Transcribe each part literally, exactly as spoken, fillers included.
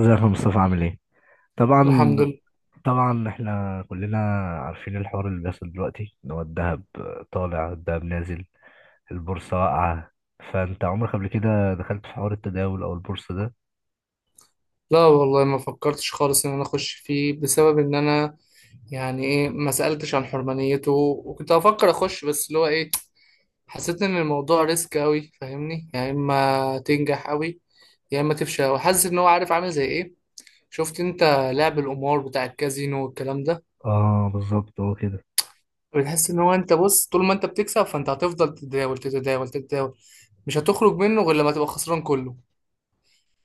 ازيك يا مصطفى، عامل ايه؟ طبعا. الحمد لله. طبعا، احنا كلنا عارفين الحوار اللي بيحصل دلوقتي ان هو الذهب طالع، الذهب نازل، البورصة واقعة. فانت عمرك قبل كده دخلت في حوار التداول او البورصة ده؟ لا والله ما فكرتش خالص ان انا اخش فيه بسبب ان انا، يعني ايه، ما سألتش عن حرمانيته، وكنت افكر اخش بس اللي هو ايه. حسيت ان الموضوع ريسك قوي، فاهمني؟ يعني يا اما تنجح قوي يا اما تفشل. وحاسس ان هو عارف، عامل زي ايه، شفت انت؟ لعب القمار بتاع الكازينو والكلام ده. اه، بالظبط هو كده. بتحس ان هو، انت بص، طول ما انت بتكسب فانت هتفضل تتداول تتداول تتداول، مش هتخرج منه غير لما تبقى خسران كله.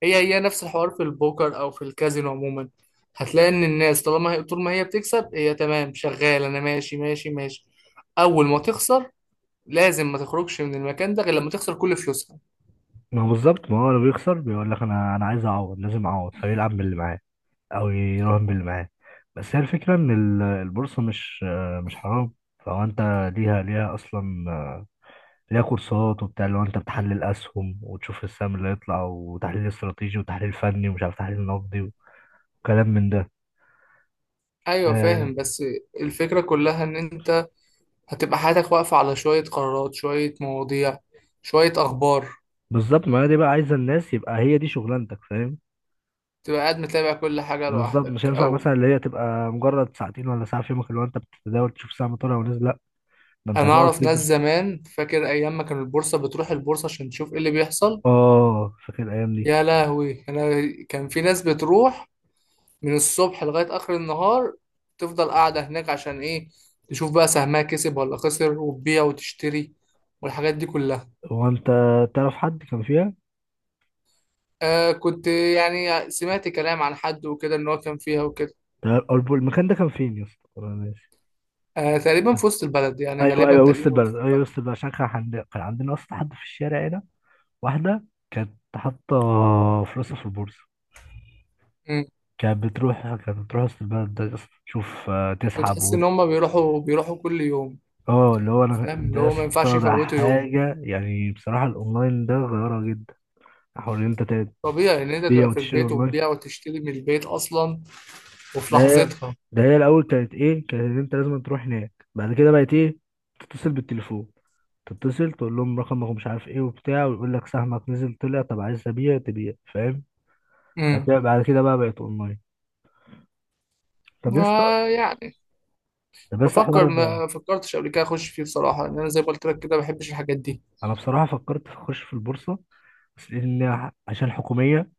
هي هي نفس الحوار في البوكر او في الكازينو عموما. هتلاقي ان الناس طالما هي، طول ما هي بتكسب، هي تمام شغال، انا ماشي ماشي ماشي. اول ما تخسر لازم ما تخرجش من المكان ده غير لما تخسر كل فلوسها. ما هو بالظبط. ما هو لو بيخسر بيقول لك انا انا عايز اعوض، لازم اعوض، فيلعب باللي معاه او يراهن باللي معاه. بس هي الفكرة ان ال- البورصة مش مش حرام. فهو انت ليها ليها اصلا، ليها كورسات وبتاع، اللي هو انت بتحلل اسهم وتشوف السهم اللي هيطلع، وتحليل استراتيجي وتحليل فني ومش عارف تحليل نقدي وكلام من ده. ايوه آه، فاهم، بس الفكرة كلها ان انت هتبقى حياتك واقفة على شوية قرارات، شوية مواضيع، شوية اخبار. بالظبط. ما هي دي بقى، عايزه الناس يبقى هي دي شغلانتك، فاهم؟ تبقى قاعد متابع كل حاجة بالظبط، لوحدك، مش هينفع او مثلا اللي هي تبقى مجرد ساعتين ولا ساعه في يومك اللي هو انت بتتداول تشوف سهم طالع ونزل. لا، ده انت انا هتقعد اعرف ناس تدرس. زمان، فاكر ايام ما كان البورصة، بتروح البورصة عشان تشوف ايه اللي بيحصل. اه، فاكر الايام دي. يا لهوي، انا كان في ناس بتروح من الصبح لغاية آخر النهار، تفضل قاعدة هناك عشان إيه؟ تشوف بقى سهمها كسب ولا خسر، وتبيع وتشتري، والحاجات دي كلها. هو انت تعرف حد كان فيها؟ آه، كنت يعني سمعت كلام عن حد وكده إن هو كان فيها وكده. تعرف- أو المكان ده كان فين يا اسطى؟ أنا ناسي. آه، تقريبا في وسط البلد، يعني ايوه غالبا ايوه، وسط تقريبا في البلد، وسط ايوه البلد. وسط البلد، عشان كان عندنا كان عندنا اصلا حد في الشارع هنا. واحدة كانت حاطة فلوسها في البورصة. مم. كانت بتروح كانت بتروح وسط البلد ده يا اسطى، تشوف آه، تسحب وتحس إن وت... هما بيروحوا بيروحوا كل يوم. اه، اللي هو انا فاهم، اللي ده يا هو ما ينفعش اسطى، ده يفوتوا يوم. حاجة يعني بصراحة الاونلاين ده غيرها جدا. حوار ان انت طبيعي إن أنت تبيع تبقى في وتشتري البيت اونلاين. وتبيع وتشتري من البيت أصلا، وفي ده هي- لحظتها. ده هي الاول كانت ايه، كانت ان انت لازم تروح هناك، بعد كده بقت ايه، تتصل بالتليفون، تتصل تقول لهم رقمك ومش عارف ايه وبتاع، ويقول لك سهمك نزل طلع، طب عايز تبيع تبيع، فاهم؟ بعد امم كده بعد كده بقى بقت اونلاين. طب يا اسطى يعني طب يا اسطى حوار... بفكر، ما فكرتش قبل كده اخش فيه بصراحه لان انا زي ما قلت لك كده ما بحبش الحاجات دي. انا بصراحه فكرت في اخش في البورصه، بس لان عشان حكوميه،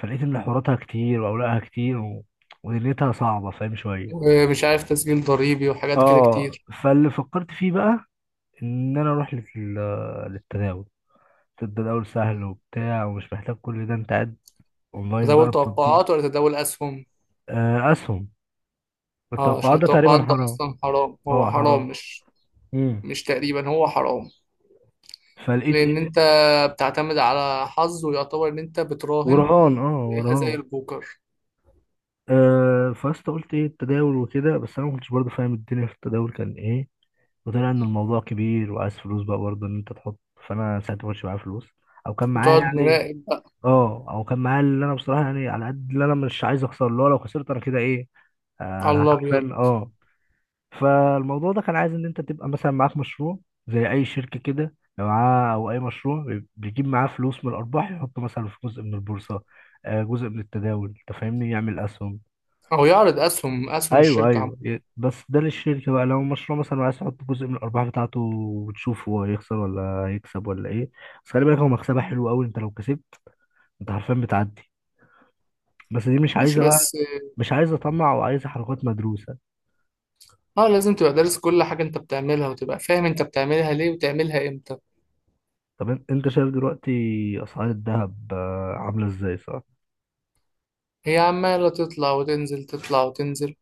فلقيت ان حواراتها كتير واوراقها كتير و... ودنيتها صعبه، فاهم؟ شويه. ومش عارف تسجيل ضريبي وحاجات كده اه. كتير. فاللي فكرت فيه بقى ان انا اروح لل... للتداول. التداول سهل وبتاع ومش محتاج كل ده، انت قاعد اونلاين تداول بقى بتطبيق. توقعات ولا تداول اسهم؟ آه، اسهم. اه عشان التوقعات ده التوقعات تقريبا ده حرام. اصلا حرام، هو اه حرام، حرام. مش... امم مش تقريبا، هو حرام. فلقيت ايه... لان انت بتعتمد على حظ، ويعتبر ان انت بتراهن، ورهان، اه زيها زي ورهان. البوكر. آه، فاست قلت ايه التداول وكده، بس انا ما كنتش برضه فاهم الدنيا في التداول كان ايه، وطلع ان الموضوع كبير وعايز فلوس بقى برضه ان انت تحط. فانا ساعتها ما كانش معايا فلوس، او كان معايا وتقعد يعني... مراقب بقى اه، او كان معايا اللي انا بصراحه يعني على قد اللي انا مش عايز اخسر، اللي هو لو خسرت انا كده ايه؟ على آه الابيض. حرفيا، اه. فالموضوع ده كان عايز ان انت تبقى مثلا معاك مشروع زي اي شركه كده لو معاه، او اي مشروع بي- بيجيب معاه فلوس من الارباح، يحط مثلا في جزء من البورصه، آه، جزء من التداول، انت فاهمني، يعمل اسهم. او يعرض اسهم، اسهم ايوه الشركه عم. ايوه، ي- بس ده للشركه بقى. لو مشروع مثلا، عايز تحط جزء من الارباح بتاعته وتشوف هو هيخسر ولا هيكسب ولا ايه. بس خلي بالك هو مكسبها حلو قوي، انت لو كسبت انت حرفيا بتعدي. بس دي مش ماشي عايزه بقى، بس. مش عايزه طمع، وعايزه حركات مدروسه. اه لازم تبقى دارس كل حاجه انت بتعملها، وتبقى فاهم انت بتعملها ليه وتعملها امتى. طب ان- انت شايف دلوقتي اسعار الذهب آه، عامله ازاي، صح؟ هي عمالة تطلع وتنزل تطلع وتنزل.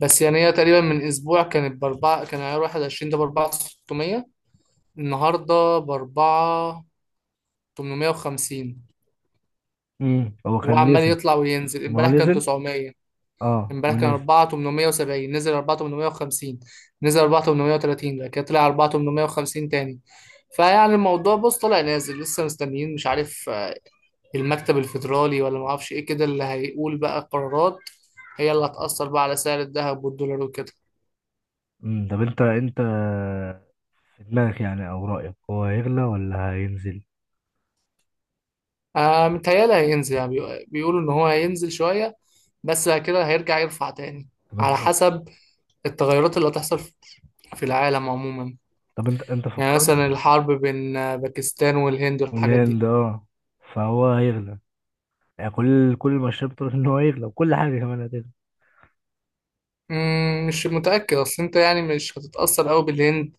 بس يعني هي تقريبا من أسبوع كانت بأربعة، كان عيار واحد وعشرين ده بأربعة ستمية. النهاردة بأربعة تمنمية وخمسين. امم هو كان وعمال نزل. يطلع وينزل. ما هو امبارح كان نزل. تسعمية. اه، امبارح كان ونزل. أربعة تمنمية وسبعين، نزل أربعة تمنمية وخمسين، نزل أربعة تمنمية وتلاتين، بعد كده طلع أربعة تمنمية وخمسين تاني. فيعني الموضوع بص طالع نازل، لسه مستنيين مش عارف، آه، المكتب الفيدرالي ولا معرفش ايه كده اللي هيقول بقى قرارات. هي اللي هتأثر بقى على سعر الذهب والدولار وكده. امم طب انت، انت في دماغك يعني او رايك هو هيغلى ولا هينزل؟ آه متهيألي هينزل، يعني بيقو- بيقولوا إن هو هينزل شوية، بس بعد كده هيرجع يرفع تاني، طب انت على حسب التغيرات اللي هتحصل في في العالم عموما. طب انت انت يعني فكرت... مثلا الحرب بين آه، باكستان والهند والحاجات دي. والهند، اه. فهو هيغلى. يعني كل كل المؤشرات بتقول ان هو هيغلى، وكل حاجه كمان هتغلى. مم، مش متأكد، أصل أنت يعني مش هتتأثر أوي بالهند،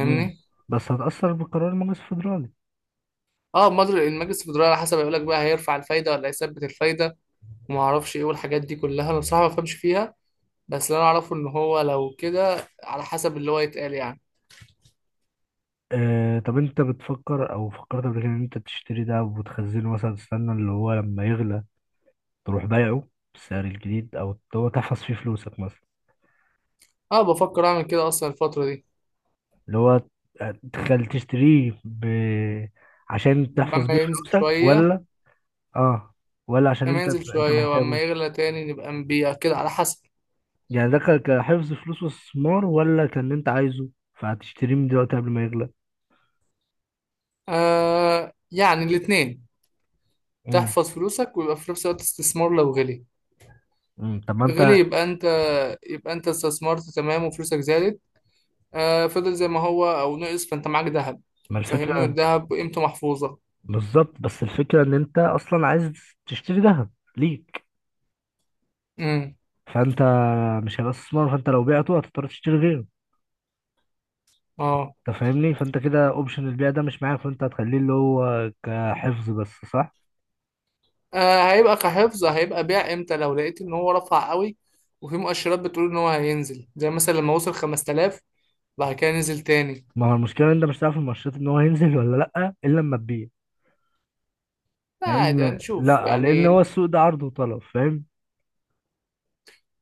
امم بس هتأثر بالقرار المجلس الفدرالي. اه مدر المجلس الفدرالي على حسب يقولك بقى هيرفع الفايدة ولا هيثبت الفايدة، ومعرفش ايه، والحاجات دي كلها أنا بصراحة ما بفهمش فيها. بس اللي أنا أعرفه إن هو لو كده على حسب اللي هو يتقال يعني. آه. طب انت بتفكر او فكرت قبل كده ان انت تشتري ده وتخزنه، مثلا تستنى اللي هو لما يغلى تروح بايعه بالسعر الجديد، او اللي هو تحفظ فيه فلوسك مثلا؟ اه بفكر أعمل كده أصلا الفترة دي. اللي هو تخل تشتريه ب... عشان تحفظ لما بيه ينزل فلوسك، شوية ولا... اه. ولا عشان لما انت ينزل انت شوية محتاجه؟ ولما يغلى تاني نبقى نبيع كده، على حسب. يعني ده ك- كحفظ فلوس واستثمار، ولا كان انت عايزه فهتشتريه من دلوقتي قبل ما يغلى؟ آه يعني الاتنين، امم تحفظ فلوسك ويبقى في نفس الوقت استثمار. لو غلي، امم طب ما انت... غلي يبقى انت، يبقى انت استثمرت تمام وفلوسك زادت. آه، فضل زي ما هو او نقص فانت معاك ذهب، ما فاهمني؟ الفكره. والذهب قيمته محفوظة. بالظبط. بس الفكره ان انت اصلا عايز تشتري ذهب ليك. امم فانت مش هيبقى استثمار، فانت لو بعته هتضطر تشتري غيره. اه. انت فاهمني، فانت كده اوبشن البيع ده مش معاك، فانت هتخليه اللي هو كحفظ بس، صح؟ آه، هيبقى كحفظ. هيبقى بيع امتى؟ لو لقيت ان هو رفع قوي، وفي مؤشرات بتقول ان هو هينزل، زي مثلا لما وصل خمسة آلاف بعد كده نزل تاني. ما هو المشكله ان انت مش هتعرف المؤشرات ان هو هينزل ولا لا الا لما تبيع. لا عادي لان... هنشوف لا، لان هو يعني. السوق ده عرض وطلب، فاهم؟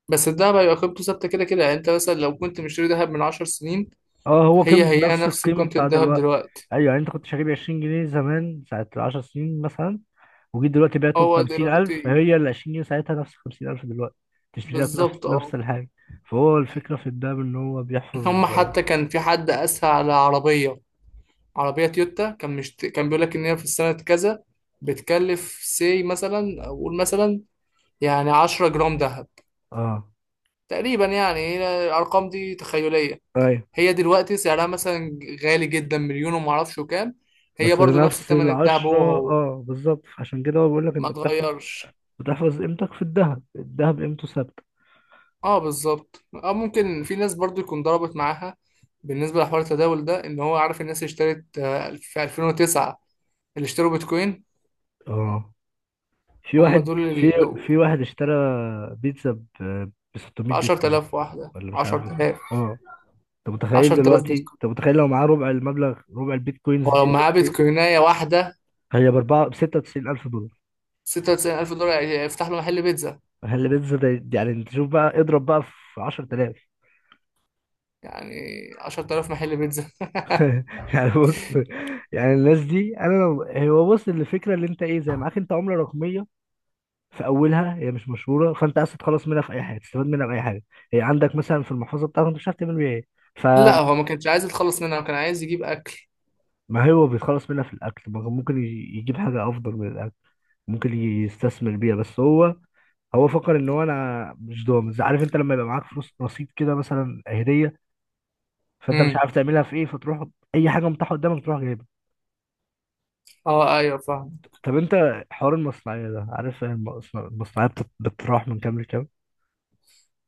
بس الدهب هيبقى قيمته ثابتة كده كده. يعني انت مثلا لو كنت مشتري دهب من عشر سنين، اه، هو هي قيمة هي نفس نفس القيمة قيمة بتاع الدهب دلوقتي. دلوقتي. ايوه، يعني انت كنت شاريه ب عشرين جنيه زمان، ساعة 10 سنين مثلا، وجيت دلوقتي بعته ب هو خمسين ألف. دلوقتي هي ال عشرين جنيه ساعتها نفس خمسين ألف دلوقتي، تشتري لك نفس بالظبط اه. نفس الحاجة. فهو الفكرة في الدهب ان هو بيحفظ. هم حتى كان في حد قاسها على عربية، عربية تويوتا، كان مشت... كان بيقول لك ان هي في السنة كذا بتكلف سي، مثلا اقول مثلا يعني 10 جرام دهب اه، تقريبا، يعني هي الارقام دي تخيلية. ايوه. هي دلوقتي سعرها مثلا غالي جدا، مليون وما اعرفش كام، هي بس برضو نفس نفس ثمن الدهب، هو العشرة، هو اه بالظبط، عشان كده هو بيقول لك ما انت بتحفظ، اتغيرش. بتحفظ قيمتك في الذهب. الذهب قيمته ثابتة. اه بالظبط اه. ممكن في ناس برضو يكون ضربت معاها بالنسبه لحوار التداول ده، ان هو عارف الناس اللي اشترت آه، في ألفين وتسعة اللي اشتروا بيتكوين، اه. في هم واحد دول في اللي في واحد اشترى بيتزا ب ب ب ستمية بيتكوين عشرتلاف واحده، ولا مش عارف. عشرتلاف، اه، انت متخيل عشرتلاف دلوقتي، بيتكوين. انت متخيل لو معاه ربع المبلغ، ربع البيتكوينز ولو دي معاه دلوقتي؟ بيتكوينايه واحده، هي باربعة، بستة وتسعين ألف دولار. ستة وتسعين ألف دولار، يفتح له محل بيتزا. هل بيتزا ده؟ يعني انت شوف بقى، اضرب بقى في عشرة آلاف. يعني عشرة آلاف محل بيتزا يعني بص، يعني الناس دي انا لو... هو بص، الفكرة اللي انت ايه، زي معاك انت عملة رقمية في اولها، هي مش مشهورة، فانت عايز تتخلص منها في اي حاجة تستفاد منها، في اي حاجة هي عندك مثلا في المحفظة بتاعتك انت مش عارف تعمل بيها ايه، لا فما... هو ما كانش عايز يتخلص منها، هو كان عايز يجيب اكل. هو بيتخلص منها في الاكل. ما هو ممكن يجيب حاجة افضل من الاكل، ممكن يستثمر بيها، بس هو هو فكر ان هو انا مش ضامن. عارف انت لما يبقى معاك فلوس رصيد كده مثلا هديه، فانت مش امم عارف تعملها في ايه، فتروح اي حاجه متاحه قدامك تروح جايبها. اه ايوه فاهم. طب انت، حوار المصنعيه ده، عارف المصنع- المصنعيه بتت- بتتراوح من كام لكام؟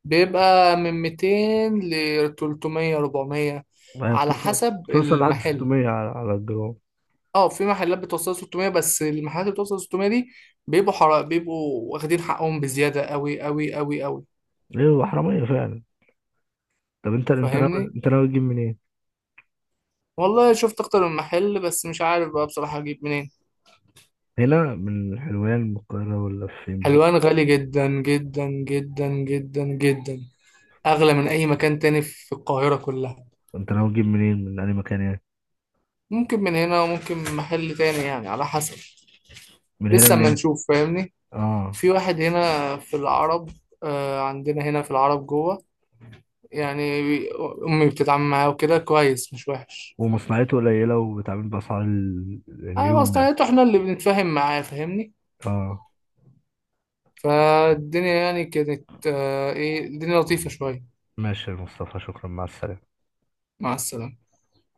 بيبقى من ميتين ل تلتمية، اربعمية آه، على بتوصل حسب بتوصل لحد المحل. ستمائة على على الجرام. اه في محلات بتوصل ستمية، بس المحلات اللي بتوصل ستمية دي بيبقوا حرق، بيبقوا واخدين حقهم بزيادة قوي قوي قوي قوي. ايه، هو حراميه فعلا. طب انت، انت ناوي فاهمني، انت ناوي تجيب منين؟ والله شفت اكتر من محل بس مش عارف بقى بصراحة اجيب منين. هنا من حلوان، من القاهره، ولا فين بالظبط؟ حلوان غالي جدا جدا جدا جدا جدا، اغلى من اي مكان تاني في القاهرة كلها. انت ناوي تجيب منين؟ من اي مكان يعني؟ ممكن من هنا وممكن من محل تاني، يعني على حسب. من هنا لسه ما منين؟ نشوف، فاهمني. اه. في واحد هنا في العرب، آه، عندنا هنا في العرب جوه، يعني بي- أمي بتتعامل معاه وكده كويس، مش وحش. ومصنعيته قليله وبتعمل باسعار ال- أنا اليوم يعني. مصلحته إحنا اللي بنتفاهم معاه، فاهمني. اه. فالدنيا يعني كانت، آه، إيه، الدنيا لطيفة شوية. ماشي يا مصطفى، شكرا. مع السلامة. مع السلامة.